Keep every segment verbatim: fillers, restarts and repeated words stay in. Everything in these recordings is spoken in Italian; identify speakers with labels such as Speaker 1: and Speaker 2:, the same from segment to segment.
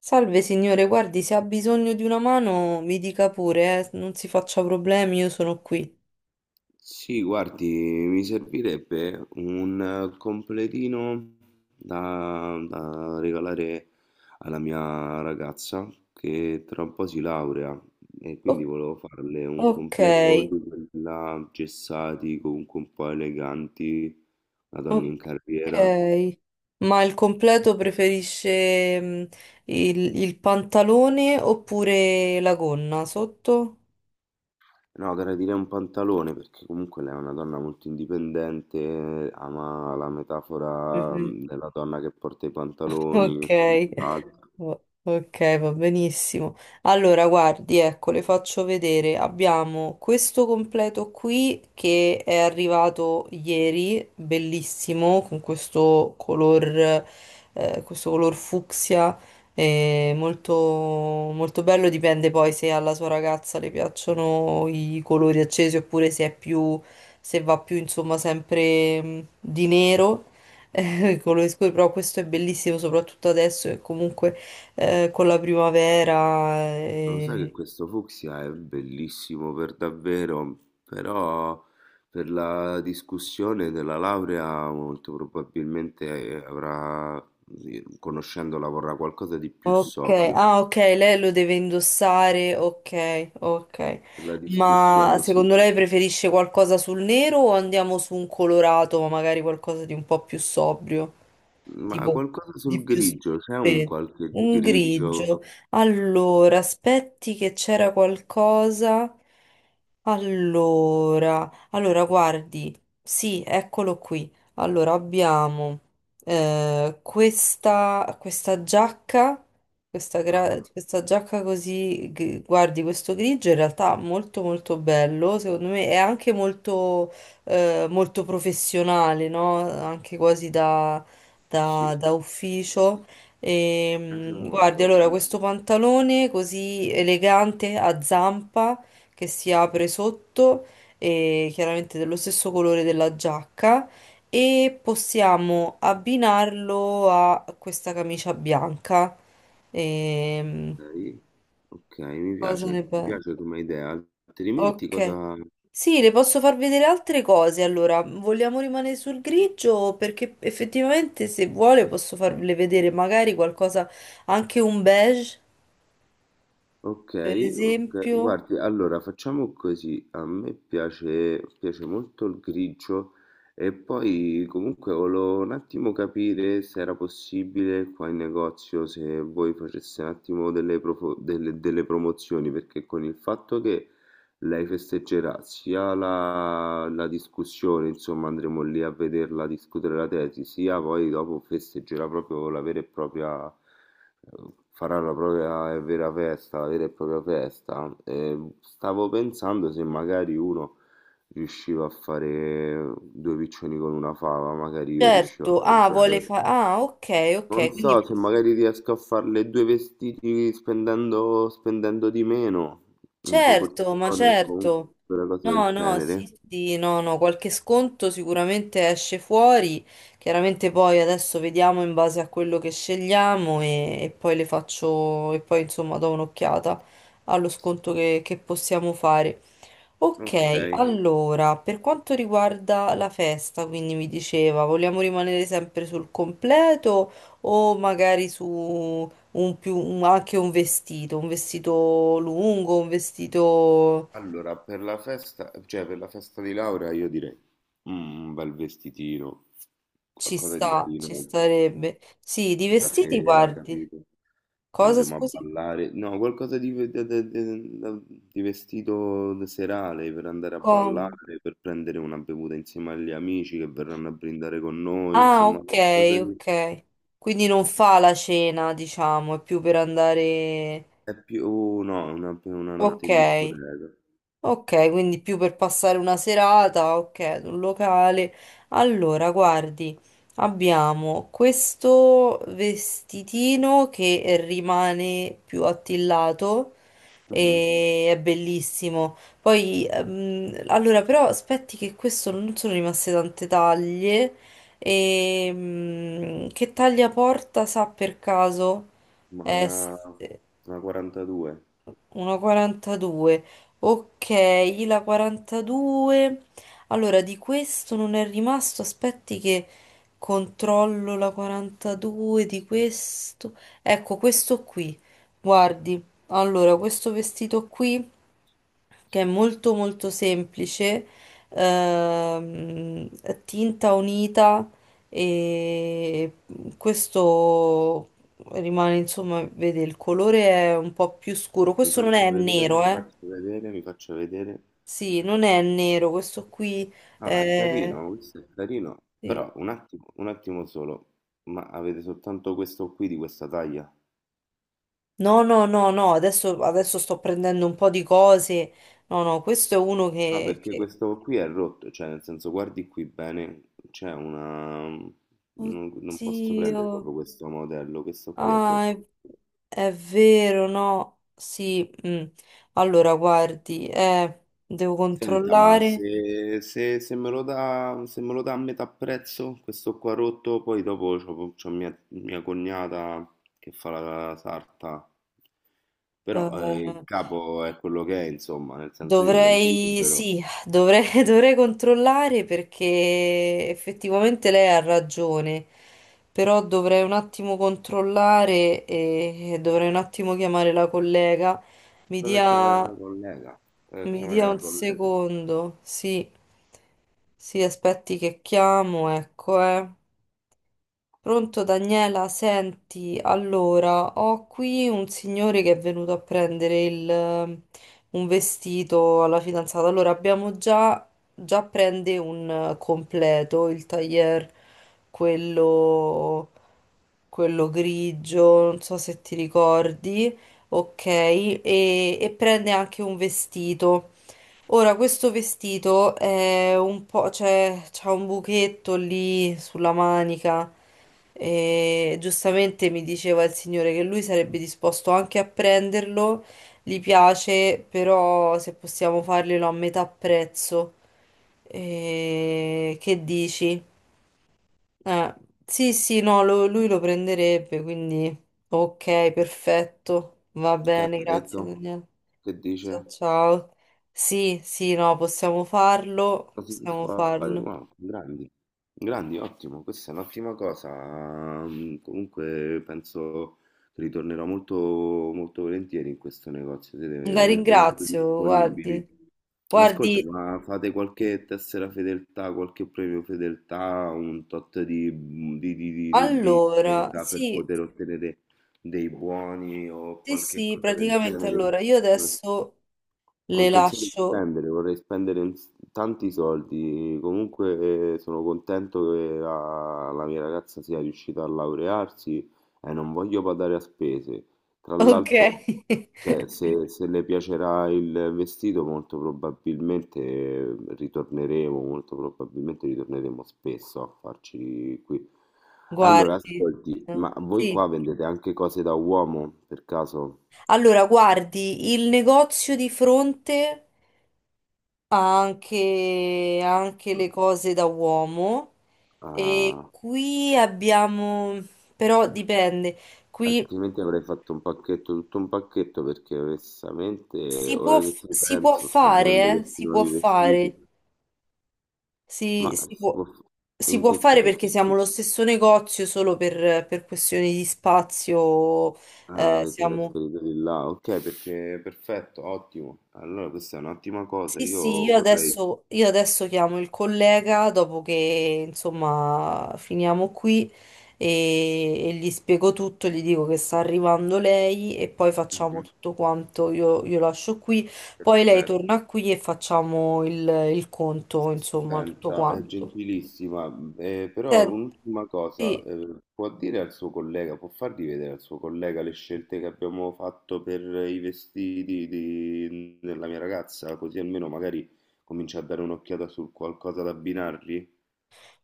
Speaker 1: Salve signore, guardi, se ha bisogno di una mano mi dica pure, eh, non si faccia problemi, io sono qui.
Speaker 2: Sì, guardi, mi servirebbe un eh, completino da, da regalare alla mia ragazza che tra un po' si laurea e quindi
Speaker 1: O-
Speaker 2: volevo farle un
Speaker 1: ok,
Speaker 2: completo di quella gessati, comunque un po' eleganti, una donna in carriera.
Speaker 1: ok. Ma il completo preferisce mm, il, il pantalone oppure la gonna sotto?
Speaker 2: No, gradirei un pantalone perché comunque lei è una donna molto indipendente, ama la metafora
Speaker 1: Mhm.
Speaker 2: mm, della donna che porta i pantaloni e
Speaker 1: Ok.
Speaker 2: quant'altro.
Speaker 1: O- Ok, va benissimo. Allora, guardi, ecco, le faccio vedere. Abbiamo questo completo qui che è arrivato ieri, bellissimo, con questo color, eh, questo color fucsia, eh, molto, molto bello. Dipende poi se alla sua ragazza le piacciono i colori accesi oppure se è più, se va più, insomma, sempre mh, di nero. Eh, i colori scuri, però questo è bellissimo soprattutto adesso che comunque eh, con la primavera.
Speaker 2: Lo sai che
Speaker 1: Eh.
Speaker 2: questo fucsia è bellissimo per davvero, però per la discussione della laurea molto probabilmente eh, avrà, sì, conoscendola, vorrà qualcosa di più
Speaker 1: Ok,
Speaker 2: sobrio.
Speaker 1: ah ok, lei lo deve indossare, ok, ok.
Speaker 2: Per la
Speaker 1: Ma
Speaker 2: discussione, sì.
Speaker 1: secondo lei preferisce qualcosa sul nero o andiamo su un colorato, ma magari qualcosa di un po' più sobrio?
Speaker 2: Ma
Speaker 1: Tipo
Speaker 2: qualcosa
Speaker 1: di
Speaker 2: sul
Speaker 1: più
Speaker 2: grigio, c'è un
Speaker 1: spe-
Speaker 2: qualche
Speaker 1: un grigio.
Speaker 2: grigio?
Speaker 1: Allora, aspetti che c'era qualcosa. Allora, allora guardi, sì, eccolo qui. Allora abbiamo Eh, questa, questa giacca, questa, gra- Mm.
Speaker 2: Ah,
Speaker 1: questa giacca così, gri- guardi, questo grigio in realtà molto molto bello, secondo me è anche molto, eh, molto professionale, no? Anche quasi da,
Speaker 2: sì,
Speaker 1: da- da
Speaker 2: sì,
Speaker 1: ufficio.
Speaker 2: mi
Speaker 1: E,
Speaker 2: piace
Speaker 1: mm, guardi,
Speaker 2: molto.
Speaker 1: allora, questo pantalone così elegante a zampa che si apre sotto e chiaramente dello stesso colore della giacca e possiamo abbinarlo a questa camicia bianca. Ehm,
Speaker 2: Ok, ok, mi
Speaker 1: cosa ne
Speaker 2: piace, mi
Speaker 1: pensi?
Speaker 2: piace come idea. Altrimenti
Speaker 1: Ok.
Speaker 2: cosa...
Speaker 1: Sì, le posso far vedere altre cose. Allora, vogliamo rimanere sul grigio? Perché effettivamente, se vuole, posso farle vedere magari qualcosa, anche un beige,
Speaker 2: Ok,
Speaker 1: per
Speaker 2: ok.
Speaker 1: esempio.
Speaker 2: Guardi, allora facciamo così. A me piace, piace molto il grigio e poi comunque volevo un attimo capire se era possibile qua in negozio se voi faceste un attimo delle, profo- delle- delle promozioni, perché con il fatto che lei festeggerà sia la, la discussione, insomma, andremo lì a vederla discutere la tesi, sia poi dopo festeggerà proprio la vera e propria, eh, farà la propria e vera festa, la vera e propria festa. E stavo pensando se magari uno riusciva a fare due piccioni con una fava, magari io riuscivo a
Speaker 1: Certo, ah, vuole
Speaker 2: comprare.
Speaker 1: fare... Ah, ok, ok,
Speaker 2: Non so
Speaker 1: quindi...
Speaker 2: se magari riesco a farle due vestiti spendendo, spendendo di meno in
Speaker 1: Certo, ma
Speaker 2: proporzione o comunque
Speaker 1: certo.
Speaker 2: una cosa
Speaker 1: No,
Speaker 2: del
Speaker 1: no, sì,
Speaker 2: genere.
Speaker 1: sì, no, no, qualche sconto sicuramente esce fuori. Chiaramente poi adesso vediamo in base a quello che scegliamo e, e poi le faccio e poi insomma do un'occhiata allo sconto che, che possiamo fare.
Speaker 2: Ok,
Speaker 1: Ok, allora, per quanto riguarda la festa, quindi mi diceva, vogliamo rimanere sempre sul completo o magari su un più, un- anche un vestito, un vestito lungo, un vestito
Speaker 2: allora per la festa, cioè per la festa di laurea io direi mm, un bel vestitino,
Speaker 1: ci
Speaker 2: qualcosa di
Speaker 1: sta, ci
Speaker 2: carino.
Speaker 1: starebbe. Sì, di vestiti
Speaker 2: Stasera,
Speaker 1: guardi.
Speaker 2: capito?
Speaker 1: Cosa,
Speaker 2: Andremo a
Speaker 1: scusi?
Speaker 2: ballare. No, qualcosa di, ve- de- de- de- da- di vestito serale per andare a
Speaker 1: Com-
Speaker 2: ballare, per prendere una bevuta insieme agli amici che verranno a brindare con noi,
Speaker 1: Ah,
Speaker 2: insomma,
Speaker 1: ok,
Speaker 2: qualcosa di...
Speaker 1: ok. Quindi non fa la cena, diciamo, è più per andare...
Speaker 2: È più, oh, no, una, una notte
Speaker 1: Ok.
Speaker 2: in discoteca.
Speaker 1: Ok, quindi più per passare una serata, ok, ad un locale. Allora, guardi, abbiamo questo vestitino che rimane più attillato
Speaker 2: Mhm.
Speaker 1: e è bellissimo. Poi, ehm, allora, però aspetti che questo non sono rimaste tante taglie. E, mm, che taglia porta, sa per caso?
Speaker 2: Ma
Speaker 1: È
Speaker 2: una, una quarantadue.
Speaker 1: uno virgola quarantadue. Ok, la quarantadue. Allora, di questo non è rimasto. Aspetti che controllo la quarantadue di questo. Ecco, questo qui. Guardi. Allora, questo vestito qui che è molto molto semplice, ehm, tinta unita e questo rimane, insomma, vede il colore è un po' più scuro.
Speaker 2: Mi
Speaker 1: Questo non è
Speaker 2: faccio vedere,
Speaker 1: nero,
Speaker 2: mi
Speaker 1: eh?
Speaker 2: faccio vedere, mi faccio vedere.
Speaker 1: Sì, non è nero, questo qui
Speaker 2: No, ma è
Speaker 1: è...
Speaker 2: carino, questo è carino.
Speaker 1: sì.
Speaker 2: Però un attimo, un attimo solo. Ma avete soltanto questo qui di questa taglia?
Speaker 1: No, no, no, no, adesso, adesso sto prendendo un po' di cose. No, no, questo è uno
Speaker 2: No,
Speaker 1: che...
Speaker 2: perché
Speaker 1: che-
Speaker 2: questo qui è rotto, cioè nel senso guardi qui bene, c'è una... Non, non posso prendere
Speaker 1: Oddio.
Speaker 2: proprio questo modello, questo qui è
Speaker 1: Ah, è,
Speaker 2: rotto.
Speaker 1: è vero, no? Sì, mm. Allora, guardi, eh, devo
Speaker 2: Senta, ma
Speaker 1: controllare.
Speaker 2: se, se- se me lo dà, se me lo dà a metà prezzo, questo qua rotto, poi dopo c'ho, c'ho mia, mia cognata che fa la sarta, però eh, il
Speaker 1: eh,
Speaker 2: capo è quello che è, insomma, nel senso io ve ne
Speaker 1: dovrei,
Speaker 2: libero.
Speaker 1: sì, dovrei, dovrei controllare perché effettivamente lei ha ragione, però dovrei un attimo controllare e, e dovrei un attimo chiamare la collega. Mi
Speaker 2: Provo a chiamare la
Speaker 1: dia,
Speaker 2: collega, provo a
Speaker 1: mi
Speaker 2: chiamare
Speaker 1: dia
Speaker 2: la
Speaker 1: un
Speaker 2: collega.
Speaker 1: secondo, sì, sì, aspetti che chiamo, ecco, eh. Pronto Daniela, senti, allora ho qui un signore che è venuto a prendere il- ehm, un vestito alla fidanzata. Allora abbiamo già, già prende un eh, completo, il tailleur, quello, quello grigio, non so se ti ricordi, ok, e, e prende anche un vestito. Ora, questo vestito è un po', cioè, c'ha un buchetto lì sulla manica e giustamente mi diceva il signore che lui sarebbe disposto anche a prenderlo, gli piace, però se possiamo farglielo a metà prezzo. E che dici? Eh, sì, sì, no, lo- lui lo prenderebbe, quindi ok, perfetto, va
Speaker 2: Che ha
Speaker 1: bene, grazie
Speaker 2: detto?
Speaker 1: Daniele.
Speaker 2: Che
Speaker 1: Ciao,
Speaker 2: dice?
Speaker 1: ciao. Sì, sì, no, possiamo farlo,
Speaker 2: Cosa si
Speaker 1: possiamo
Speaker 2: può fare?
Speaker 1: farlo.
Speaker 2: Wow, grandi, grandi, ottimo. Questa è un'ottima cosa. Mm, Comunque penso che ritornerò molto, molto volentieri in questo negozio. Siete
Speaker 1: La
Speaker 2: veramente molto
Speaker 1: ringrazio,
Speaker 2: disponibili.
Speaker 1: guardi.
Speaker 2: Ma ascolta,
Speaker 1: Guardi,
Speaker 2: ma fate qualche tessera fedeltà, qualche premio fedeltà, un tot di, di, di, di, di- di
Speaker 1: allora,
Speaker 2: spesa per
Speaker 1: sì,
Speaker 2: poter ottenere dei buoni o
Speaker 1: sì,
Speaker 2: qualche
Speaker 1: sì,
Speaker 2: cosa del
Speaker 1: praticamente
Speaker 2: genere?
Speaker 1: allora, io adesso
Speaker 2: Ho
Speaker 1: le
Speaker 2: intenzione di
Speaker 1: lascio,
Speaker 2: spendere, vorrei spendere in s- tanti soldi. Comunque eh, sono contento che la, la mia ragazza sia riuscita a laurearsi e non voglio badare a spese. Tra
Speaker 1: ok?
Speaker 2: l'altro, cioè, se, se le piacerà il vestito, molto probabilmente eh, ritorneremo, molto probabilmente ritorneremo spesso a farci qui. Allora,
Speaker 1: Guardi,
Speaker 2: ascolti,
Speaker 1: eh,
Speaker 2: ma voi
Speaker 1: sì.
Speaker 2: qua vendete anche cose da uomo, per caso?
Speaker 1: Allora, guardi, il negozio di fronte... anche, anche le cose da uomo. E
Speaker 2: Ah,
Speaker 1: qui abbiamo, però dipende, qui
Speaker 2: altrimenti avrei fatto un pacchetto, tutto un pacchetto, perché onestamente,
Speaker 1: si può,
Speaker 2: ora che
Speaker 1: f-
Speaker 2: ci
Speaker 1: si può
Speaker 2: penso, sto vedendo
Speaker 1: fare, eh?
Speaker 2: questi
Speaker 1: Si può
Speaker 2: nuovi vestiti,
Speaker 1: fare,
Speaker 2: ma
Speaker 1: si, si
Speaker 2: si
Speaker 1: può,
Speaker 2: può... f-
Speaker 1: si
Speaker 2: in
Speaker 1: può
Speaker 2: che
Speaker 1: fare perché
Speaker 2: senso?
Speaker 1: siamo lo stesso negozio, solo per, per questioni di spazio,
Speaker 2: Ah,
Speaker 1: eh,
Speaker 2: avete
Speaker 1: siamo...
Speaker 2: trasferito di là, ok, perché perfetto, ottimo. Allora questa è un'ottima cosa,
Speaker 1: Sì, sì,
Speaker 2: io
Speaker 1: io
Speaker 2: vorrei...
Speaker 1: adesso, io adesso chiamo il collega dopo che insomma finiamo qui e, e gli spiego tutto, gli dico che sta arrivando lei e poi facciamo
Speaker 2: Mhm,
Speaker 1: tutto quanto, io, io lascio qui, poi lei
Speaker 2: perfetto.
Speaker 1: torna qui e facciamo il, il conto, insomma, tutto
Speaker 2: Senta, è
Speaker 1: quanto.
Speaker 2: gentilissima, eh, però
Speaker 1: Sen-
Speaker 2: un'ultima cosa,
Speaker 1: Sì.
Speaker 2: eh, può dire al suo collega, può fargli vedere al suo collega le scelte che abbiamo fatto per i vestiti di- della mia ragazza, così almeno magari comincia a dare un'occhiata su qualcosa da abbinargli?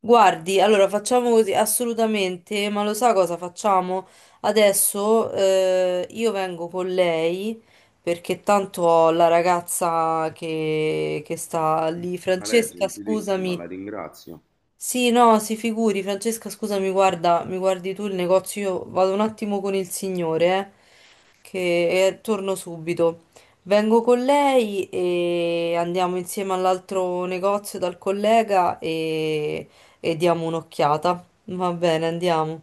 Speaker 1: Guardi, allora facciamo così, assolutamente, ma lo sa cosa facciamo? Adesso eh, io vengo con lei perché tanto ho la ragazza che, che sta lì,
Speaker 2: Ma lei è
Speaker 1: Francesca,
Speaker 2: gentilissima,
Speaker 1: scusami,
Speaker 2: la ringrazio.
Speaker 1: sì, no, si figuri, Francesca, scusami, guarda, mi guardi tu il negozio, io vado un attimo con il signore, eh, che e torno subito. Vengo con lei e andiamo insieme all'altro negozio dal collega e, e diamo un'occhiata. Va bene, andiamo.